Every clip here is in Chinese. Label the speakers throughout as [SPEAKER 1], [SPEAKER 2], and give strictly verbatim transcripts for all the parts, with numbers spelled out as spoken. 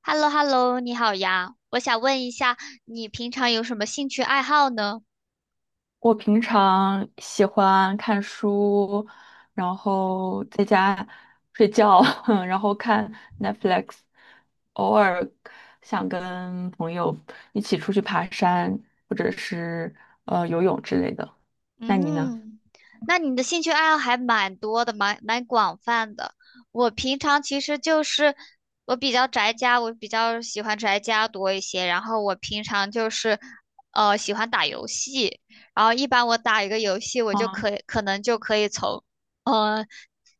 [SPEAKER 1] h e l l o h e l l o 你好呀，我想问一下，你平常有什么兴趣爱好呢？
[SPEAKER 2] 我平常喜欢看书，然后在家睡觉，然后看 Netflix，偶尔想跟朋友一起出去爬山，或者是呃游泳之类的。那你呢？
[SPEAKER 1] 嗯，那你的兴趣爱好还蛮多的，蛮蛮广泛的。我平常其实就是我比较宅家，我比较喜欢宅家多一些。然后我平常就是呃喜欢打游戏，然后一般我打一个游戏，我就
[SPEAKER 2] 啊，
[SPEAKER 1] 可以可能就可以从呃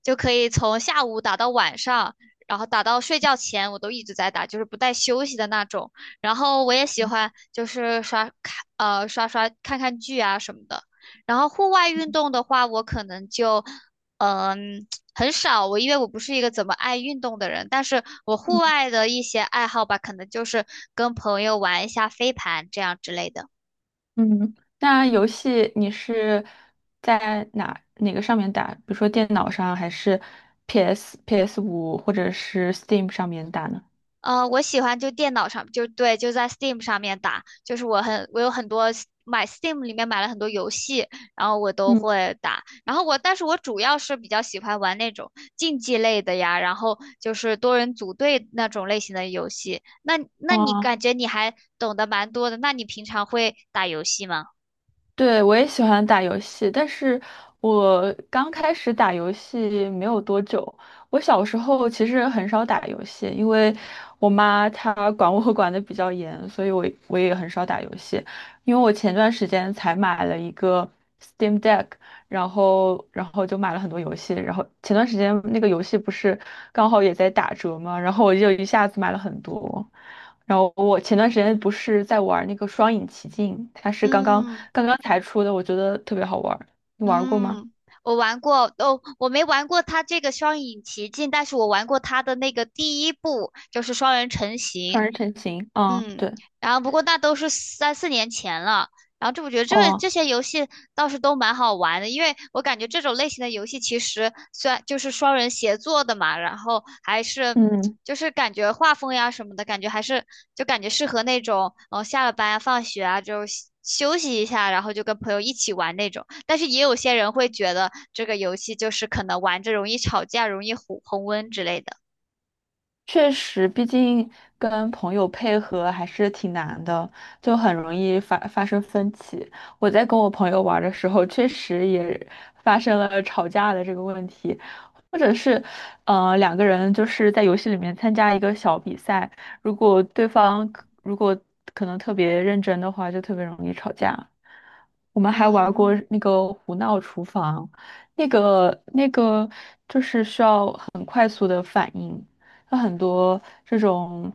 [SPEAKER 1] 就可以从下午打到晚上，然后打到睡觉前，我都一直在打，就是不带休息的那种。然后我也喜欢就是刷看呃刷刷看看剧啊什么的。然后户外运动的话，我可能就嗯很少，我因为我不是一个怎么爱运动的人，但是我户外的一些爱好吧，可能就是跟朋友玩一下飞盘这样之类的。
[SPEAKER 2] 嗯，那游戏你是在哪哪个上面打？比如说电脑上，还是 PS PS 五或者是 Steam 上面打呢？
[SPEAKER 1] 呃，我喜欢就电脑上，就对，就在 Steam 上面打，就是我很，我有很多 s- 买 Steam 里面买了很多游戏，然后我都
[SPEAKER 2] 嗯，
[SPEAKER 1] 会打。然后我，但是我主要是比较喜欢玩那种竞技类的呀，然后就是多人组队那种类型的游戏。那那你感
[SPEAKER 2] 啊。
[SPEAKER 1] 觉你还懂得蛮多的，那你平常会打游戏吗？
[SPEAKER 2] 对，我也喜欢打游戏，但是我刚开始打游戏没有多久。我小时候其实很少打游戏，因为我妈她管我 管得比较严，所以我我也很少打游戏。因为我前段时间才买了一个 Steam Deck，然后然后就买了很多游戏，然后前段时间那个游戏不是刚好也在打折嘛，然后我就一下子买了很多。然后我前段时间不是在玩那个《双影奇境》，它是刚刚
[SPEAKER 1] 嗯
[SPEAKER 2] 刚刚才出的，我觉得特别好玩儿你玩过吗？
[SPEAKER 1] 嗯，我玩过哦，我没玩过它这个双影奇境，但是我玩过它的那个第一部，就是双人成
[SPEAKER 2] 《双
[SPEAKER 1] 行，
[SPEAKER 2] 人成行》啊，
[SPEAKER 1] 嗯，
[SPEAKER 2] 对，
[SPEAKER 1] 然后不过那都是三四年前了。然后这我觉得这个
[SPEAKER 2] 哦，
[SPEAKER 1] 这些游戏倒是都蛮好玩的，因为我感觉这种类型的游戏其实虽然就是双人协作的嘛，然后还是
[SPEAKER 2] 嗯，
[SPEAKER 1] 就是感觉画风呀什么的，感觉还是就感觉适合那种呃下了班啊放学啊就休休息一下，然后就跟朋友一起玩那种。但是也有些人会觉得这个游戏就是可能玩着容易吵架、容易红红温之类的。
[SPEAKER 2] 确实，毕竟跟朋友配合还是挺难的，就很容易发发生分歧。我在跟我朋友玩儿的时候，确实也发生了吵架的这个问题，或者是，呃，两个人就是在游戏里面参加一个小比赛，如果对方如果可能特别认真的话，就特别容易吵架。我们还玩过
[SPEAKER 1] 嗯。
[SPEAKER 2] 那个胡闹厨房，那个那个就是需要很快速的反应。它很多这种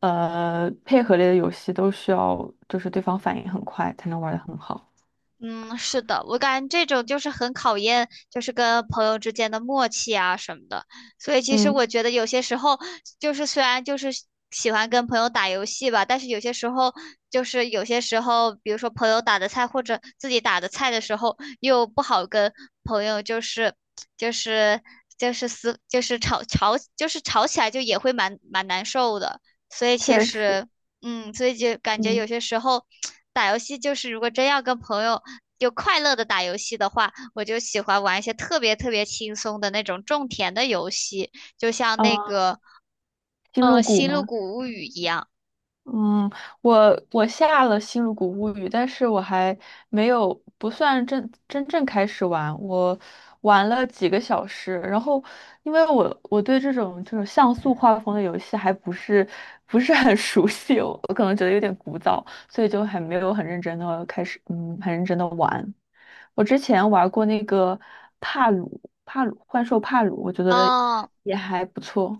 [SPEAKER 2] 呃配合类的游戏都需要就是对方反应很快才能玩得很好。
[SPEAKER 1] 嗯，是的，我感觉这种就是很考验，就是跟朋友之间的默契啊什么的。所以其实
[SPEAKER 2] 嗯，
[SPEAKER 1] 我觉得有些时候，就是虽然就是喜喜欢跟朋友打游戏吧，但是有些时候就是有些时候，比如说朋友打的菜或者自己打的菜的时候，又不好跟朋友就是就是就是撕就是吵吵就是吵起来就也会蛮蛮难受的。所以其
[SPEAKER 2] 确实，
[SPEAKER 1] 实。嗯，所以就感觉有
[SPEAKER 2] 嗯，
[SPEAKER 1] 些时候 打游戏就是，如果真要跟朋友就快乐的打游戏的话，我就喜欢玩一些特别特别轻松的那种种田的游戏，就像那
[SPEAKER 2] 啊，
[SPEAKER 1] 个
[SPEAKER 2] 星
[SPEAKER 1] 呃
[SPEAKER 2] 露谷
[SPEAKER 1] 《星露
[SPEAKER 2] 吗？
[SPEAKER 1] 谷物语》一样。
[SPEAKER 2] 嗯，我我下了《星露谷物语》，但是我还没有不算真真正开始玩，我玩了几个小时，然后因为我我对这种这种像素画风的游戏还不是不是很 熟悉，我我可能觉得有点古早，所以就还没有很认真的开始，嗯，很认真的玩。我之前玩过那个帕鲁帕鲁幻兽帕鲁，我觉得
[SPEAKER 1] 啊。
[SPEAKER 2] 也还不错，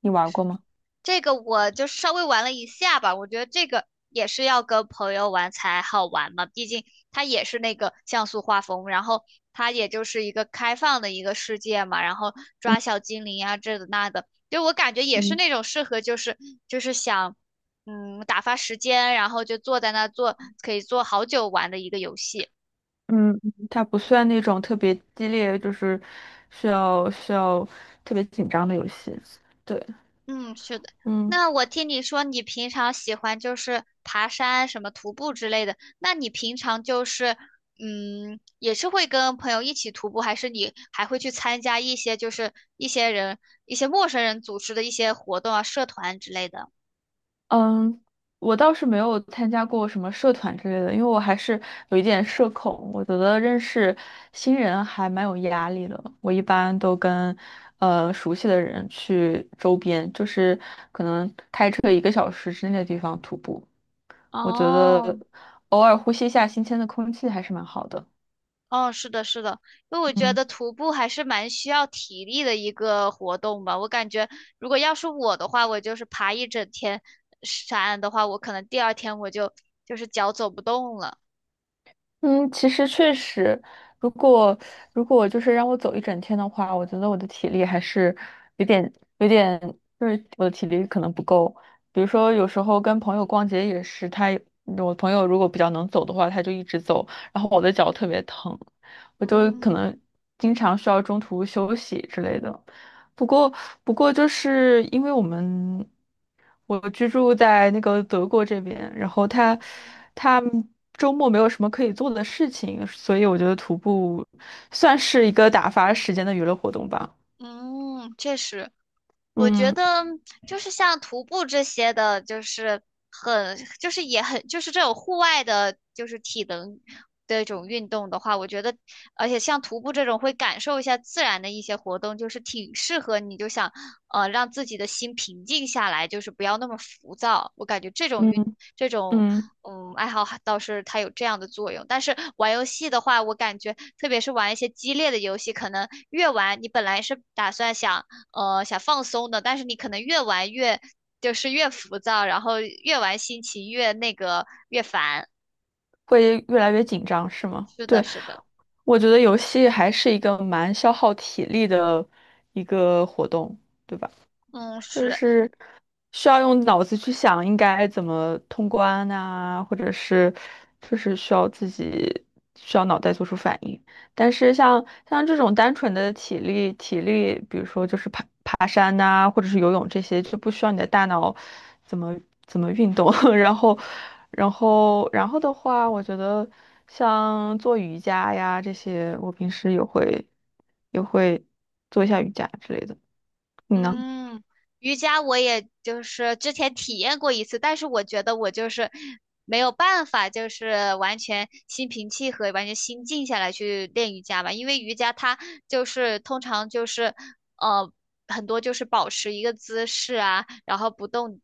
[SPEAKER 2] 你玩过吗？
[SPEAKER 1] 这个我就稍微玩了一下吧，我觉得这个也是要跟朋友玩才好玩嘛，毕竟它也是那个像素画风，然后它也就是一个开放的一个世界嘛，然后抓
[SPEAKER 2] 嗯
[SPEAKER 1] 小精灵啊，这的那的，就我感觉也是
[SPEAKER 2] 嗯
[SPEAKER 1] 那种适合就是就是想嗯打发时间，然后就坐在那做可以坐好久玩的一个游戏。
[SPEAKER 2] 嗯，嗯它不算那种特别激烈，就是需要需要特别紧张的游戏。对，
[SPEAKER 1] 嗯，是的。
[SPEAKER 2] 嗯
[SPEAKER 1] 那我听你说你平常喜欢就是爬山、什么徒步之类的，那你平常就是嗯，也是会跟朋友一起徒步，还是你还会去参加一些就是一些人、一些陌生人组织的一些活动啊、社团之类的？
[SPEAKER 2] 嗯，我倒是没有参加过什么社团之类的，因为我还是有一点社恐，我觉得认识新人还蛮有压力的。我一般都跟呃熟悉的人去周边，就是可能开车一个小时之内的地方徒步，我觉得
[SPEAKER 1] 哦，
[SPEAKER 2] 偶尔呼吸一下新鲜的空气还是蛮好的。
[SPEAKER 1] 哦，是的，是的，因为我觉
[SPEAKER 2] 嗯。
[SPEAKER 1] 得徒步还是蛮需要体力的一个活动吧。我感觉，如果要是我的话，我就是爬一整天山的话，我可能第二天我就就是脚走不动了。
[SPEAKER 2] 嗯，其实确实，如果如果就是让我走一整天的话，我觉得我的体力还是有点有点，就是我的体力可能不够。比如说，有时候跟朋友逛街也是，他我朋友如果比较能走的话，他就一直走，然后我的脚特别疼。我就可
[SPEAKER 1] 嗯
[SPEAKER 2] 能经常需要中途休息之类的。不过，不过就是因为我们我居住在那个德国这边，然后他他周末没有什么可以做的事情，所以我觉得徒步算是一个打发时间的娱乐活动吧。
[SPEAKER 1] 嗯，确实。我觉
[SPEAKER 2] 嗯
[SPEAKER 1] 得就是像徒步这些的，就是很，就是也很，就是这种户外的，就是体能的一种运动的话，我觉得，而且像徒步这种会感受一下自然的一些活动，就是挺适合你，就想呃让自己的心平静下来，就是不要那么浮躁。我感觉这种
[SPEAKER 2] 嗯
[SPEAKER 1] 运这种
[SPEAKER 2] 嗯，
[SPEAKER 1] 嗯爱好还倒是它有这样的作用，但是玩游戏的话，我感觉特别是玩一些激烈的游戏，可能越玩你本来是打算想。呃想放松的，但是你可能越玩越就是越浮躁，然后越玩心情越那个越烦。
[SPEAKER 2] 会越来越紧张，是吗？
[SPEAKER 1] 是的，
[SPEAKER 2] 对，
[SPEAKER 1] 是的。
[SPEAKER 2] 我觉得游戏还是一个蛮消耗体力的一个活动，对吧？
[SPEAKER 1] 嗯，
[SPEAKER 2] 就
[SPEAKER 1] 是。
[SPEAKER 2] 是需要用脑子去想应该怎么通关呐、或者是就是需要自己需要脑袋做出反应。但是像像这种单纯的体力体力，比如说就是爬爬山呐、或者是游泳这些，就不需要你的大脑怎么怎么运动。然后然后然后的话，我觉得像做瑜伽呀这些，我平时也会也会做一下瑜伽之类的。你呢？
[SPEAKER 1] 嗯，瑜伽我也就是之前体验过一次，但是我觉得我就是没有办法，就是完全心平气和、完全心静下来去练瑜伽吧，因为瑜伽它就是通常就是呃很多就是保持一个姿势啊，然后不动，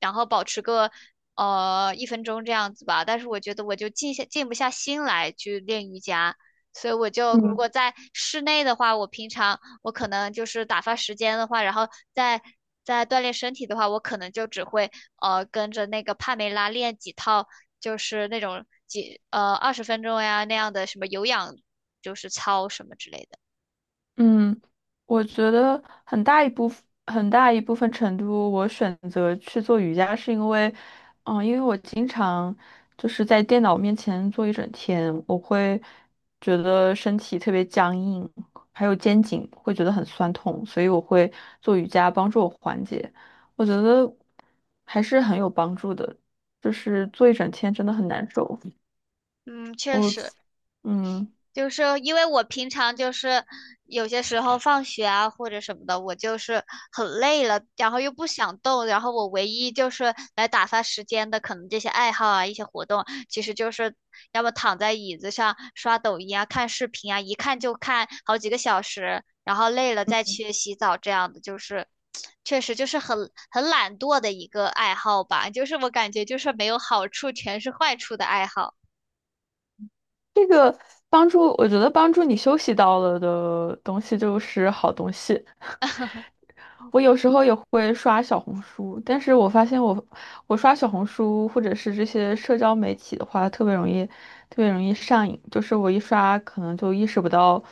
[SPEAKER 1] 然后保持个呃一分钟这样子吧，但是我觉得我就静下静不下心来去练瑜伽。所以我就如
[SPEAKER 2] 嗯。
[SPEAKER 1] 果在室内的话，我平常我可能就是打发时间的话，然后再再锻炼身体的话，我可能就只会呃跟着那个帕梅拉练几套，就是那种几呃二十分钟呀那样的什么有氧，就是操什么之类的。
[SPEAKER 2] 嗯，我觉得很大一部分很大一部分程度，我选择去做瑜伽，是因为，嗯，因为我经常就是在电脑面前坐一整天，我会觉得身体特别僵硬，还有肩颈会觉得很酸痛，所以我会做瑜伽帮助我缓解。我觉得还是很有帮助的，就是坐一整天真的很难受。
[SPEAKER 1] 嗯，确
[SPEAKER 2] 我，
[SPEAKER 1] 实，
[SPEAKER 2] 嗯。
[SPEAKER 1] 就是因为我平常就是有些时候放学啊或者什么的，我就是很累了，然后又不想动，然后我唯一就是来打发时间的，可能这些爱好啊、一些活动，其实就是要么躺在椅子上刷抖音啊、看视频啊，一看就看好几个小时，然后累了再去洗澡这样的，就是确实就是很很懒惰的一个爱好吧，就是我感觉就是没有好处，全是坏处的爱好。
[SPEAKER 2] 这个帮助，我觉得帮助你休息到了的东西就是好东西。我有时候也会刷小红书，但是我发现我我刷小红书或者是这些社交媒体的话，特别容易特别容易上瘾。就是我一刷，可能就意识不到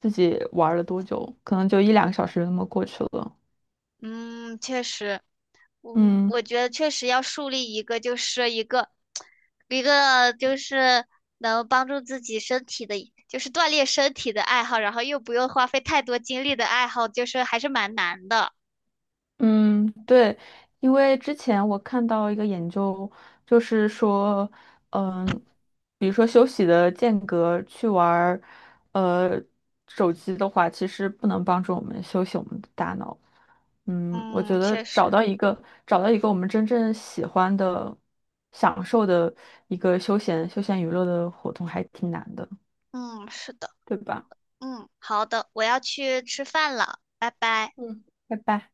[SPEAKER 2] 自己玩了多久，可能就一两个小时就那么过去了。
[SPEAKER 1] 嗯，确实。嗯，
[SPEAKER 2] 嗯。
[SPEAKER 1] 我觉得确实要树立一个，就是一个，一个就是能帮助自己身体的，就是锻炼身体的爱好，然后又不用花费太多精力的爱好，就是还是蛮难的。
[SPEAKER 2] 嗯，对，因为之前我看到一个研究，就是说，嗯，比如说休息的间隔去玩儿，呃，手机的话，其实不能帮助我们休息我们的大脑。嗯，我
[SPEAKER 1] 嗯，
[SPEAKER 2] 觉得
[SPEAKER 1] 确
[SPEAKER 2] 找
[SPEAKER 1] 实，
[SPEAKER 2] 到一个找到一个我们真正喜欢的、享受的一个休闲休闲娱乐的活动还挺难的，
[SPEAKER 1] 嗯，是的，
[SPEAKER 2] 对吧？
[SPEAKER 1] 嗯，好的，我要去吃饭了，拜拜。
[SPEAKER 2] 嗯，拜拜。